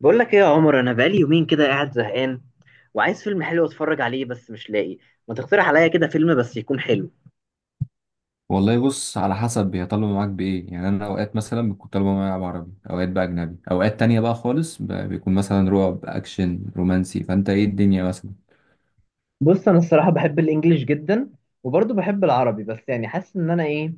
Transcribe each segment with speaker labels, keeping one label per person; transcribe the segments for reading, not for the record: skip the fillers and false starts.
Speaker 1: بقول لك ايه يا عمر، انا بقالي يومين كده قاعد زهقان وعايز فيلم حلو اتفرج عليه بس مش لاقي. ما تقترح عليا كده فيلم بس يكون حلو.
Speaker 2: والله، بص على حسب هي طالبة معاك بإيه. يعني أنا أوقات مثلا بتكون طالبة معايا بعربي، أوقات بقى أجنبي، أوقات تانية بقى خالص بيكون مثلا رعب أكشن رومانسي. فأنت إيه الدنيا مثلا؟
Speaker 1: بص انا الصراحه بحب الانجليش جدا وبرضه بحب العربي بس يعني حاسس ان انا ايه.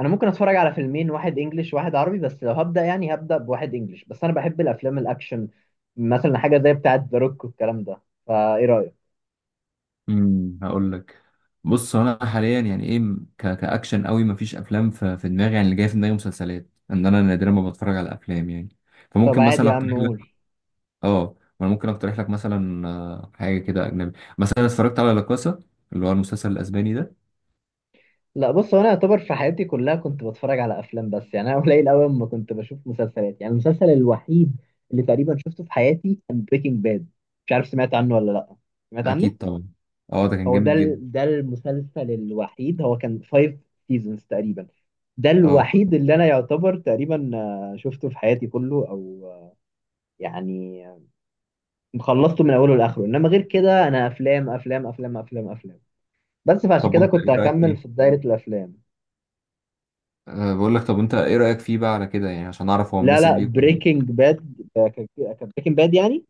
Speaker 1: انا ممكن اتفرج على فيلمين، واحد انجليش واحد عربي، بس لو هبدا يعني هبدا بواحد انجليش. بس انا بحب الافلام الاكشن، مثلا حاجه زي بتاعه ذا روك والكلام ده. فايه رايك؟
Speaker 2: هقول لك. بص، هو أنا حاليا يعني إيه كأكشن قوي مفيش أفلام في دماغي. يعني اللي جاي في دماغي مسلسلات، إن أنا نادرا ما بتفرج على أفلام يعني.
Speaker 1: طب
Speaker 2: فممكن
Speaker 1: عادي
Speaker 2: مثلا
Speaker 1: يا عم
Speaker 2: أقترح لك.
Speaker 1: قول.
Speaker 2: ما أنا ممكن أقترح لك مثلا، حاجة كده أجنبي. مثلا اتفرجت على لا كاسا، اللي هو المسلسل الأسباني ده.
Speaker 1: لا بص، هو انا اعتبر في حياتي كلها كنت بتفرج على افلام، بس يعني انا قليل قوي اما كنت بشوف مسلسلات. يعني المسلسل الوحيد اللي تقريبا شفته في حياتي كان بريكنج باد. مش عارف سمعت عنه ولا لا. سمعت عنه.
Speaker 2: أكيد طبعا. أه، ده كان
Speaker 1: هو ده
Speaker 2: جامد جدا.
Speaker 1: ده المسلسل الوحيد. هو كان 5 سيزونز تقريبا. ده
Speaker 2: أه
Speaker 1: الوحيد اللي انا يعتبر تقريبا شفته في حياتي كله او يعني آه، خلصته من اوله لاخره. انما غير كده انا افلام افلام افلام افلام افلام. بس فعشان
Speaker 2: طب
Speaker 1: كده
Speaker 2: وانت
Speaker 1: كنت
Speaker 2: ايه رايك
Speaker 1: هكمل في
Speaker 2: فيه؟
Speaker 1: دايرة الافلام.
Speaker 2: بقول لك، طب انت ايه رايك فيه بقى على كده؟ يعني عشان اعرف هو
Speaker 1: لا
Speaker 2: مناسب
Speaker 1: لا،
Speaker 2: ليك ولا لا.
Speaker 1: بريكنج باد كان، بريكنج باد يعني.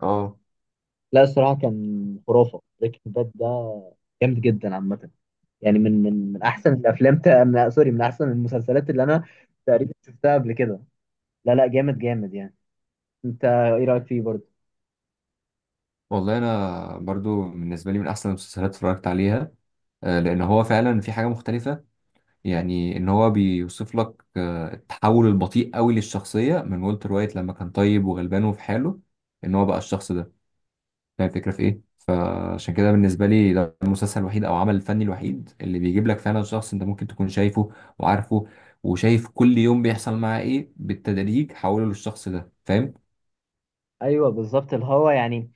Speaker 2: اه
Speaker 1: لا الصراحه كان خرافه بريكنج باد ده. جامد جدا عامه. يعني من احسن الافلام تا... من... سوري من احسن المسلسلات اللي انا تقريبا شفتها قبل كده. لا لا، جامد جامد يعني. انت ايه رايك فيه برضه؟
Speaker 2: والله انا برضو بالنسبه لي من احسن المسلسلات اتفرجت عليها. لان هو فعلا في حاجه مختلفه. يعني ان هو بيوصف لك التحول البطيء قوي للشخصيه، من والتر وايت لما كان طيب وغلبان وفي حاله، ان هو بقى الشخص ده. فاهم الفكره في ايه؟ عشان كده بالنسبة لي ده المسلسل الوحيد أو العمل الفني الوحيد اللي بيجيب لك فعلا شخص أنت ممكن تكون شايفه وعارفه، وشايف كل يوم بيحصل معاه إيه، بالتدريج حوله للشخص ده. فاهم؟
Speaker 1: ايوه بالظبط اللي هو يعني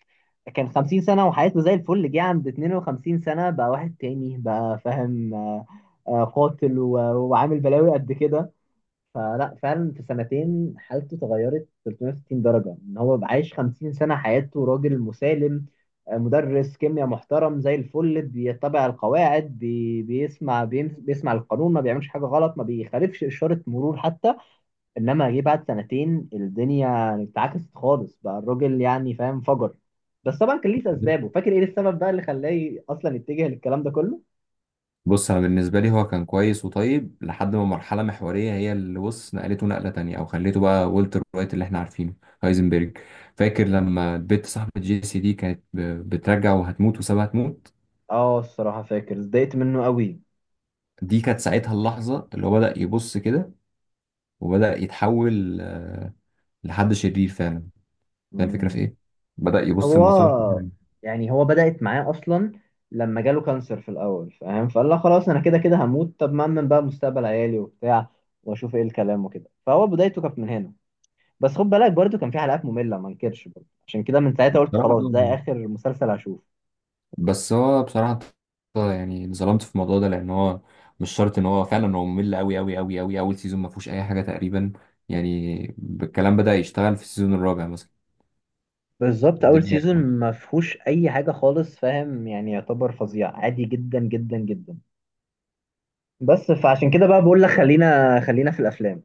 Speaker 1: كان 50 سنه وحياته زي الفل، جه عند 52 سنه بقى واحد تاني، بقى فاهم قاتل وعامل بلاوي قد كده. فلا فعلا في سنتين حالته اتغيرت 360 درجة. ان هو بقى عايش 50 سنة حياته راجل مسالم، مدرس كيمياء محترم زي الفل بيتبع القواعد، بي بيسمع بيمس بيسمع القانون ما بيعملش حاجة غلط، ما بيخالفش إشارة مرور حتى. انما جه بعد سنتين الدنيا اتعكست خالص، بقى الراجل يعني فاهم فجر. بس طبعا كان ليه اسبابه. فاكر ايه السبب بقى اللي خلاه اصلا يتجه للكلام ده كله؟
Speaker 2: بص، أنا بالنسبة لي هو كان كويس وطيب لحد ما مرحلة محورية هي اللي بص نقلته نقلة تانية أو خليته بقى والتر وايت اللي إحنا عارفينه، هايزنبرج. فاكر لما البت صاحبة جيسي دي كانت بترجع وهتموت وسابها تموت؟
Speaker 1: اه الصراحة فاكر اتضايقت منه قوي.
Speaker 2: دي كانت ساعتها اللحظة اللي هو بدأ يبص كده وبدأ يتحول لحد شرير فعلا. هي الفكرة في إيه؟ بدأ يبص لمصالحه.
Speaker 1: هو يعني هو بدأت معاه أصلا لما جاله كانسر في الأول فاهم، فقال لا خلاص أنا كده كده هموت، طب ما أمن بقى مستقبل عيالي وبتاع وأشوف إيه الكلام وكده. فهو بدايته كانت من هنا. بس خد بالك برضو كان في حلقات مملة ما انكرش برضو، عشان كده من ساعتها قلت
Speaker 2: بصراحة
Speaker 1: خلاص ده آخر مسلسل هشوفه.
Speaker 2: بس هو بصراحة يعني اتظلمت في الموضوع ده، لأن هو مش شرط إن هو فعلا هو ممل أوي أوي أوي أوي. أول سيزون ما فيهوش أي حاجة تقريبا يعني. الكلام بدأ يشتغل في السيزون الرابع مثلا.
Speaker 1: بالظبط أول
Speaker 2: الدنيا
Speaker 1: سيزون ما فيهوش أي حاجة خالص فاهم، يعني يعتبر فظيع عادي جدا جدا جدا. بس فعشان كده بقى بقول لك خلينا في الأفلام.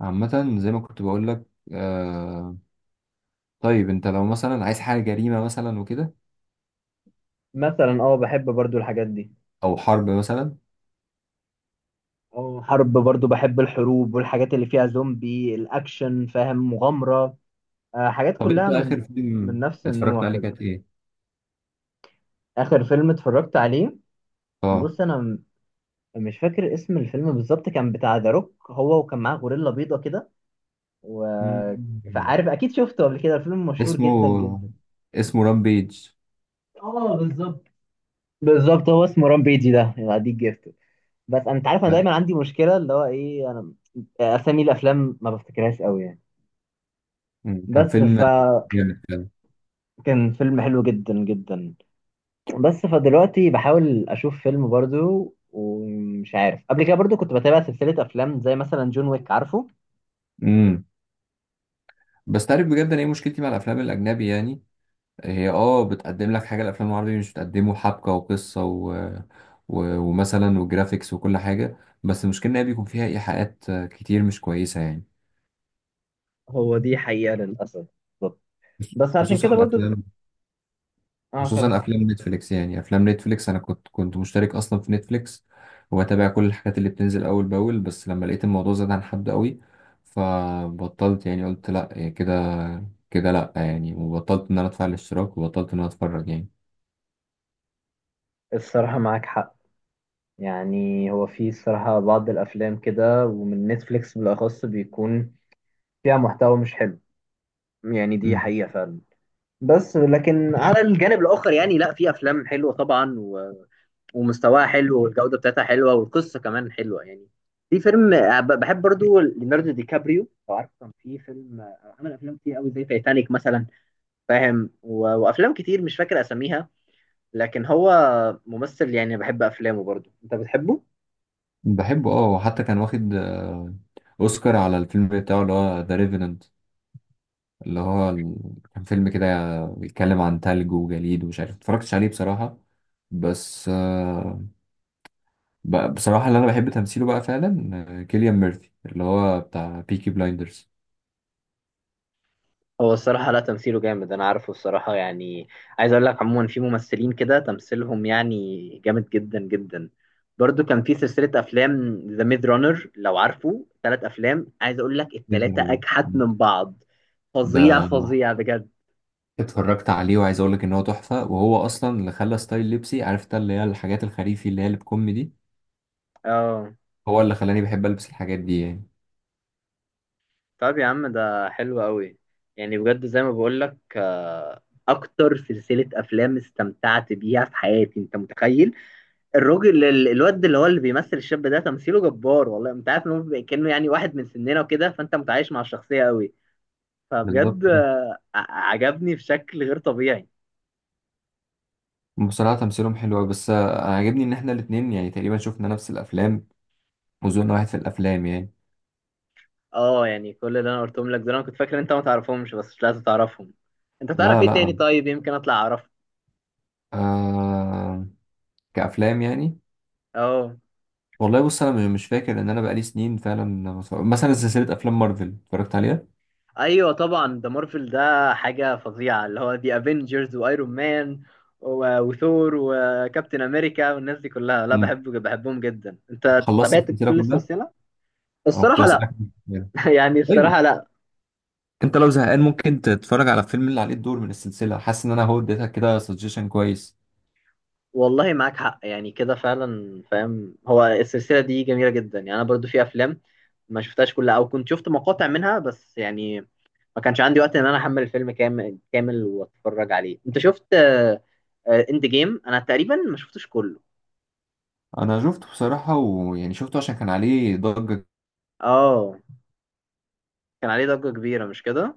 Speaker 2: عامة زي ما كنت بقول لك. آه طيب، أنت لو مثلا عايز حاجة جريمة مثلا وكده،
Speaker 1: مثلا اه بحب برضو الحاجات دي.
Speaker 2: أو حرب مثلا.
Speaker 1: اه حرب برضو بحب الحروب والحاجات اللي فيها زومبي الاكشن فاهم مغامرة. آه حاجات
Speaker 2: طب أنت
Speaker 1: كلها
Speaker 2: آخر
Speaker 1: من
Speaker 2: فيلم
Speaker 1: نفس
Speaker 2: اتفرجت
Speaker 1: النوع
Speaker 2: عليه
Speaker 1: كده.
Speaker 2: كانت إيه؟
Speaker 1: اخر فيلم اتفرجت عليه،
Speaker 2: آه.
Speaker 1: بص انا مش فاكر اسم الفيلم بالظبط. كان بتاع ذا روك هو وكان معاه غوريلا بيضة كده و
Speaker 2: مم.
Speaker 1: فعارف اكيد شفته قبل كده الفيلم مشهور
Speaker 2: اسمه
Speaker 1: جدا جدا.
Speaker 2: اسمه رامبيج.
Speaker 1: اه بالظبط. بالظبط هو اسمه رامبيجي ده، يبقى دي جيفت. بس انا انت عارف انا دايما عندي مشكله اللي هو ايه انا اسامي الافلام ما بفتكرهاش قوي يعني.
Speaker 2: مم. كان
Speaker 1: بس
Speaker 2: فيلم جامد فعلا.
Speaker 1: كان فيلم حلو جدا جدا. بس فدلوقتي بحاول اشوف فيلم برضو ومش عارف. قبل كده برضو كنت بتابع سلسلة افلام زي مثلا جون ويك عارفه.
Speaker 2: امم بس تعرف بجد انا ايه مشكلتي مع الافلام الاجنبي يعني؟ هي بتقدم لك حاجه الافلام العربيه مش بتقدمه، حبكه وقصه ومثلا وجرافيكس وكل حاجه. بس المشكله ان هي بيكون فيها ايحاءات كتير مش كويسه يعني.
Speaker 1: هو دي حقيقة للاسف. بالظبط. بس عشان
Speaker 2: خصوصا
Speaker 1: كده برضو
Speaker 2: الافلام،
Speaker 1: اه
Speaker 2: خصوصا
Speaker 1: كمل.
Speaker 2: افلام نتفليكس. يعني افلام نتفليكس انا كنت مشترك اصلا في نتفليكس وبتابع كل الحاجات اللي بتنزل اول باول. بس لما لقيت الموضوع زاد عن حد قوي فبطلت. يعني قلت لا، يعني كده كده لا يعني، وبطلت ان انا ادفع الاشتراك وبطلت ان انا اتفرج يعني.
Speaker 1: الصراحة معاك حق. يعني هو في الصراحة بعض الافلام كده ومن نتفليكس بالاخص بيكون فيها محتوى مش حلو يعني، دي
Speaker 2: مم.
Speaker 1: حقيقة فعلا. بس لكن على الجانب الاخر يعني لا في افلام حلوة طبعا، ومستواها حلو والجودة بتاعتها حلوة والقصة كمان حلوة يعني. في فيلم بحب برضو ليوناردو دي كابريو لو عارف. كان في فيلم عمل أفلام كتير قوي زي تايتانيك مثلا فاهم، وأفلام كتير مش فاكر أساميها. لكن هو ممثل يعني بحب أفلامه. برضو أنت بتحبه؟
Speaker 2: بحبه اه، وحتى كان واخد اوسكار على الفيلم بتاعه اللي هو ذا ريفينانت، اللي هو كان فيلم كده بيتكلم عن تلج وجليد ومش عارف، متفرجتش عليه بصراحة. بس بصراحة اللي أنا بحب تمثيله بقى فعلا كيليان ميرفي اللي هو بتاع بيكي بلايندرز.
Speaker 1: هو الصراحة لا تمثيله جامد أنا عارفه الصراحة يعني. عايز أقول لك عموما في ممثلين كده تمثيلهم يعني جامد جدا جدا. برضو كان في سلسلة أفلام ذا ميد رانر لو عارفه، ثلاث أفلام عايز أقول لك التلاتة أجحت من بعض. فظيع
Speaker 2: ده
Speaker 1: فظيع بجد.
Speaker 2: اتفرجت عليه وعايز أقول لك إن هو تحفة، وهو أصلا اللي خلى ستايل لبسي. عارف انت اللي هي الحاجات الخريفي اللي هي اللي بكم دي؟
Speaker 1: اه
Speaker 2: هو اللي خلاني بحب ألبس الحاجات دي يعني.
Speaker 1: طب يا عم ده حلو قوي. يعني بجد زي ما بقول لك أكتر سلسلة أفلام استمتعت بيها في حياتي. أنت متخيل الراجل الواد اللي هو اللي بيمثل الشاب ده تمثيله جبار والله. انت عارف ان هو بيبقى كأنه يعني واحد من سننا وكده، فانت متعايش مع الشخصية قوي.
Speaker 2: بالظبط
Speaker 1: فبجد
Speaker 2: اه.
Speaker 1: عجبني بشكل غير طبيعي.
Speaker 2: بصراحة تمثيلهم حلو أوي، بس أنا عاجبني إن إحنا الاتنين يعني تقريبا شفنا نفس الأفلام، وذوقنا واحد في الأفلام يعني.
Speaker 1: اه يعني كل اللي انا قلتهم لك دول انا كنت فاكر ان انت ما تعرفهمش، بس مش لازم تعرفهم. انت تعرف
Speaker 2: لا
Speaker 1: ايه تاني؟
Speaker 2: لا.
Speaker 1: طيب يمكن اطلع اعرفه.
Speaker 2: آه. كأفلام يعني.
Speaker 1: اه.
Speaker 2: والله بص انا مش فاكر، ان انا بقالي سنين فعلا ما اتفرج- مثلا سلسله افلام مارفل اتفرجت عليها.
Speaker 1: ايوه طبعا ده مارفل. ده حاجة فظيعة اللي هو دي افنجرز وايرون مان وثور وكابتن امريكا والناس دي كلها. لا
Speaker 2: امم
Speaker 1: بحبه بحبهم جدا. انت
Speaker 2: خلصت
Speaker 1: تابعت
Speaker 2: السلسله
Speaker 1: كل
Speaker 2: كلها.
Speaker 1: السلسلة؟
Speaker 2: انا كنت
Speaker 1: الصراحة لا.
Speaker 2: بسالك.
Speaker 1: يعني
Speaker 2: طيب،
Speaker 1: الصراحة لا.
Speaker 2: انت لو زهقان ممكن تتفرج على الفيلم اللي عليه الدور من السلسله. حاسس ان انا هو اديتك كده سجيشن كويس.
Speaker 1: والله معاك حق يعني كده فعلا فاهم. هو السلسلة دي جميلة جدا يعني. أنا برضو في أفلام ما شفتهاش كلها أو كنت شفت مقاطع منها بس يعني ما كانش عندي وقت إن أنا أحمل الفيلم كامل كامل وأتفرج عليه. أنت شفت إند جيم؟ أنا تقريبا ما شفتش كله.
Speaker 2: انا شفته بصراحه، ويعني شفته عشان كان عليه ضجه.
Speaker 1: آه كان عليه ضجة كبيرة مش كده؟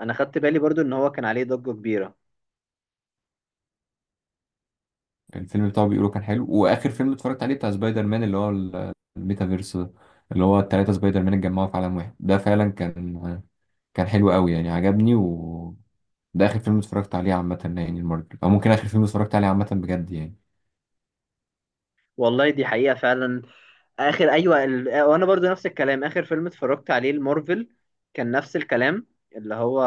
Speaker 1: أنا خدت بالي برضو إن هو كان عليه ضجة كبيرة.
Speaker 2: كان الفيلم بتاعه بيقولوا كان حلو. واخر فيلم اتفرجت عليه بتاع سبايدر مان، اللي هو الميتافيرس ده، اللي هو التلاتة سبايدر مان اتجمعوا في عالم واحد ده، فعلا كان حلو قوي يعني. عجبني. و ده اخر فيلم اتفرجت عليه عامة يعني، المارفل، او ممكن اخر فيلم اتفرجت عليه عامة بجد يعني.
Speaker 1: والله دي حقيقة فعلا. آخر أيوة وأنا برضو نفس الكلام آخر فيلم اتفرجت عليه المارفل كان نفس الكلام اللي هو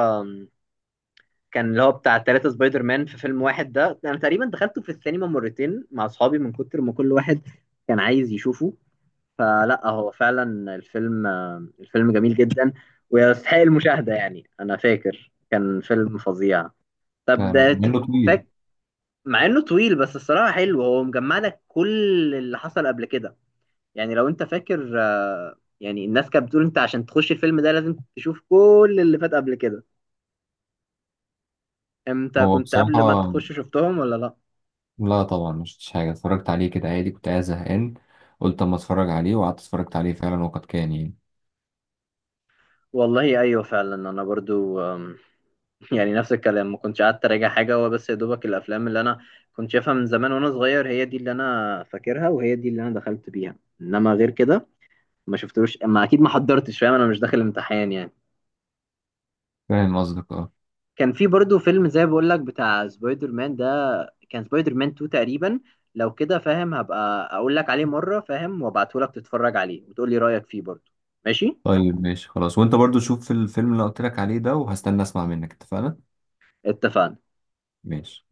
Speaker 1: كان اللي هو بتاع ثلاثة سبايدر مان في فيلم واحد ده. انا تقريبا دخلته في السينما مرتين مع اصحابي من كتر ما كل واحد كان عايز يشوفه. فلا هو فعلا الفيلم، الفيلم جميل جدا ويستحق المشاهدة. يعني انا فاكر كان فيلم فظيع. طب
Speaker 2: فعلا مع
Speaker 1: ده
Speaker 2: انه طويل.
Speaker 1: فاك مع انه طويل بس الصراحة حلو. هو مجمع لك كل اللي حصل قبل كده يعني. لو انت فاكر يعني الناس كانت بتقول انت عشان تخش الفيلم ده لازم تشوف كل اللي فات قبل كده. انت
Speaker 2: هو
Speaker 1: كنت قبل ما
Speaker 2: بصراحة
Speaker 1: تخش شفتهم ولا لا؟
Speaker 2: لا، طبعا مش شفتش حاجة، اتفرجت عليه كده عادي كنت قاعد زهقان. قلت اما اتفرج عليه وقعدت اتفرجت عليه فعلا، وقد كان يعني.
Speaker 1: والله ايوه فعلا. انا برضو يعني نفس الكلام ما كنتش قعدت اراجع حاجه. هو بس يا دوبك الافلام اللي انا كنت شايفها من زمان وانا صغير هي دي اللي انا فاكرها وهي دي اللي انا دخلت بيها. انما غير كده ما شفتلوش، ما اكيد ما حضرتش فاهم. انا مش داخل امتحان يعني.
Speaker 2: فاهم قصدك اه.
Speaker 1: كان في برضو فيلم زي بقول لك بتاع سبايدر مان ده، كان سبايدر مان 2 تقريبا لو كده فاهم. هبقى اقول لك عليه مره فاهم، وابعته لك تتفرج عليه وتقول لي رايك فيه برضو. ماشي
Speaker 2: طيب ماشي خلاص، وانت برضو شوف الفيلم اللي قلت لك عليه ده، وهستنى اسمع منك. اتفقنا؟
Speaker 1: اتفقنا.
Speaker 2: ماشي.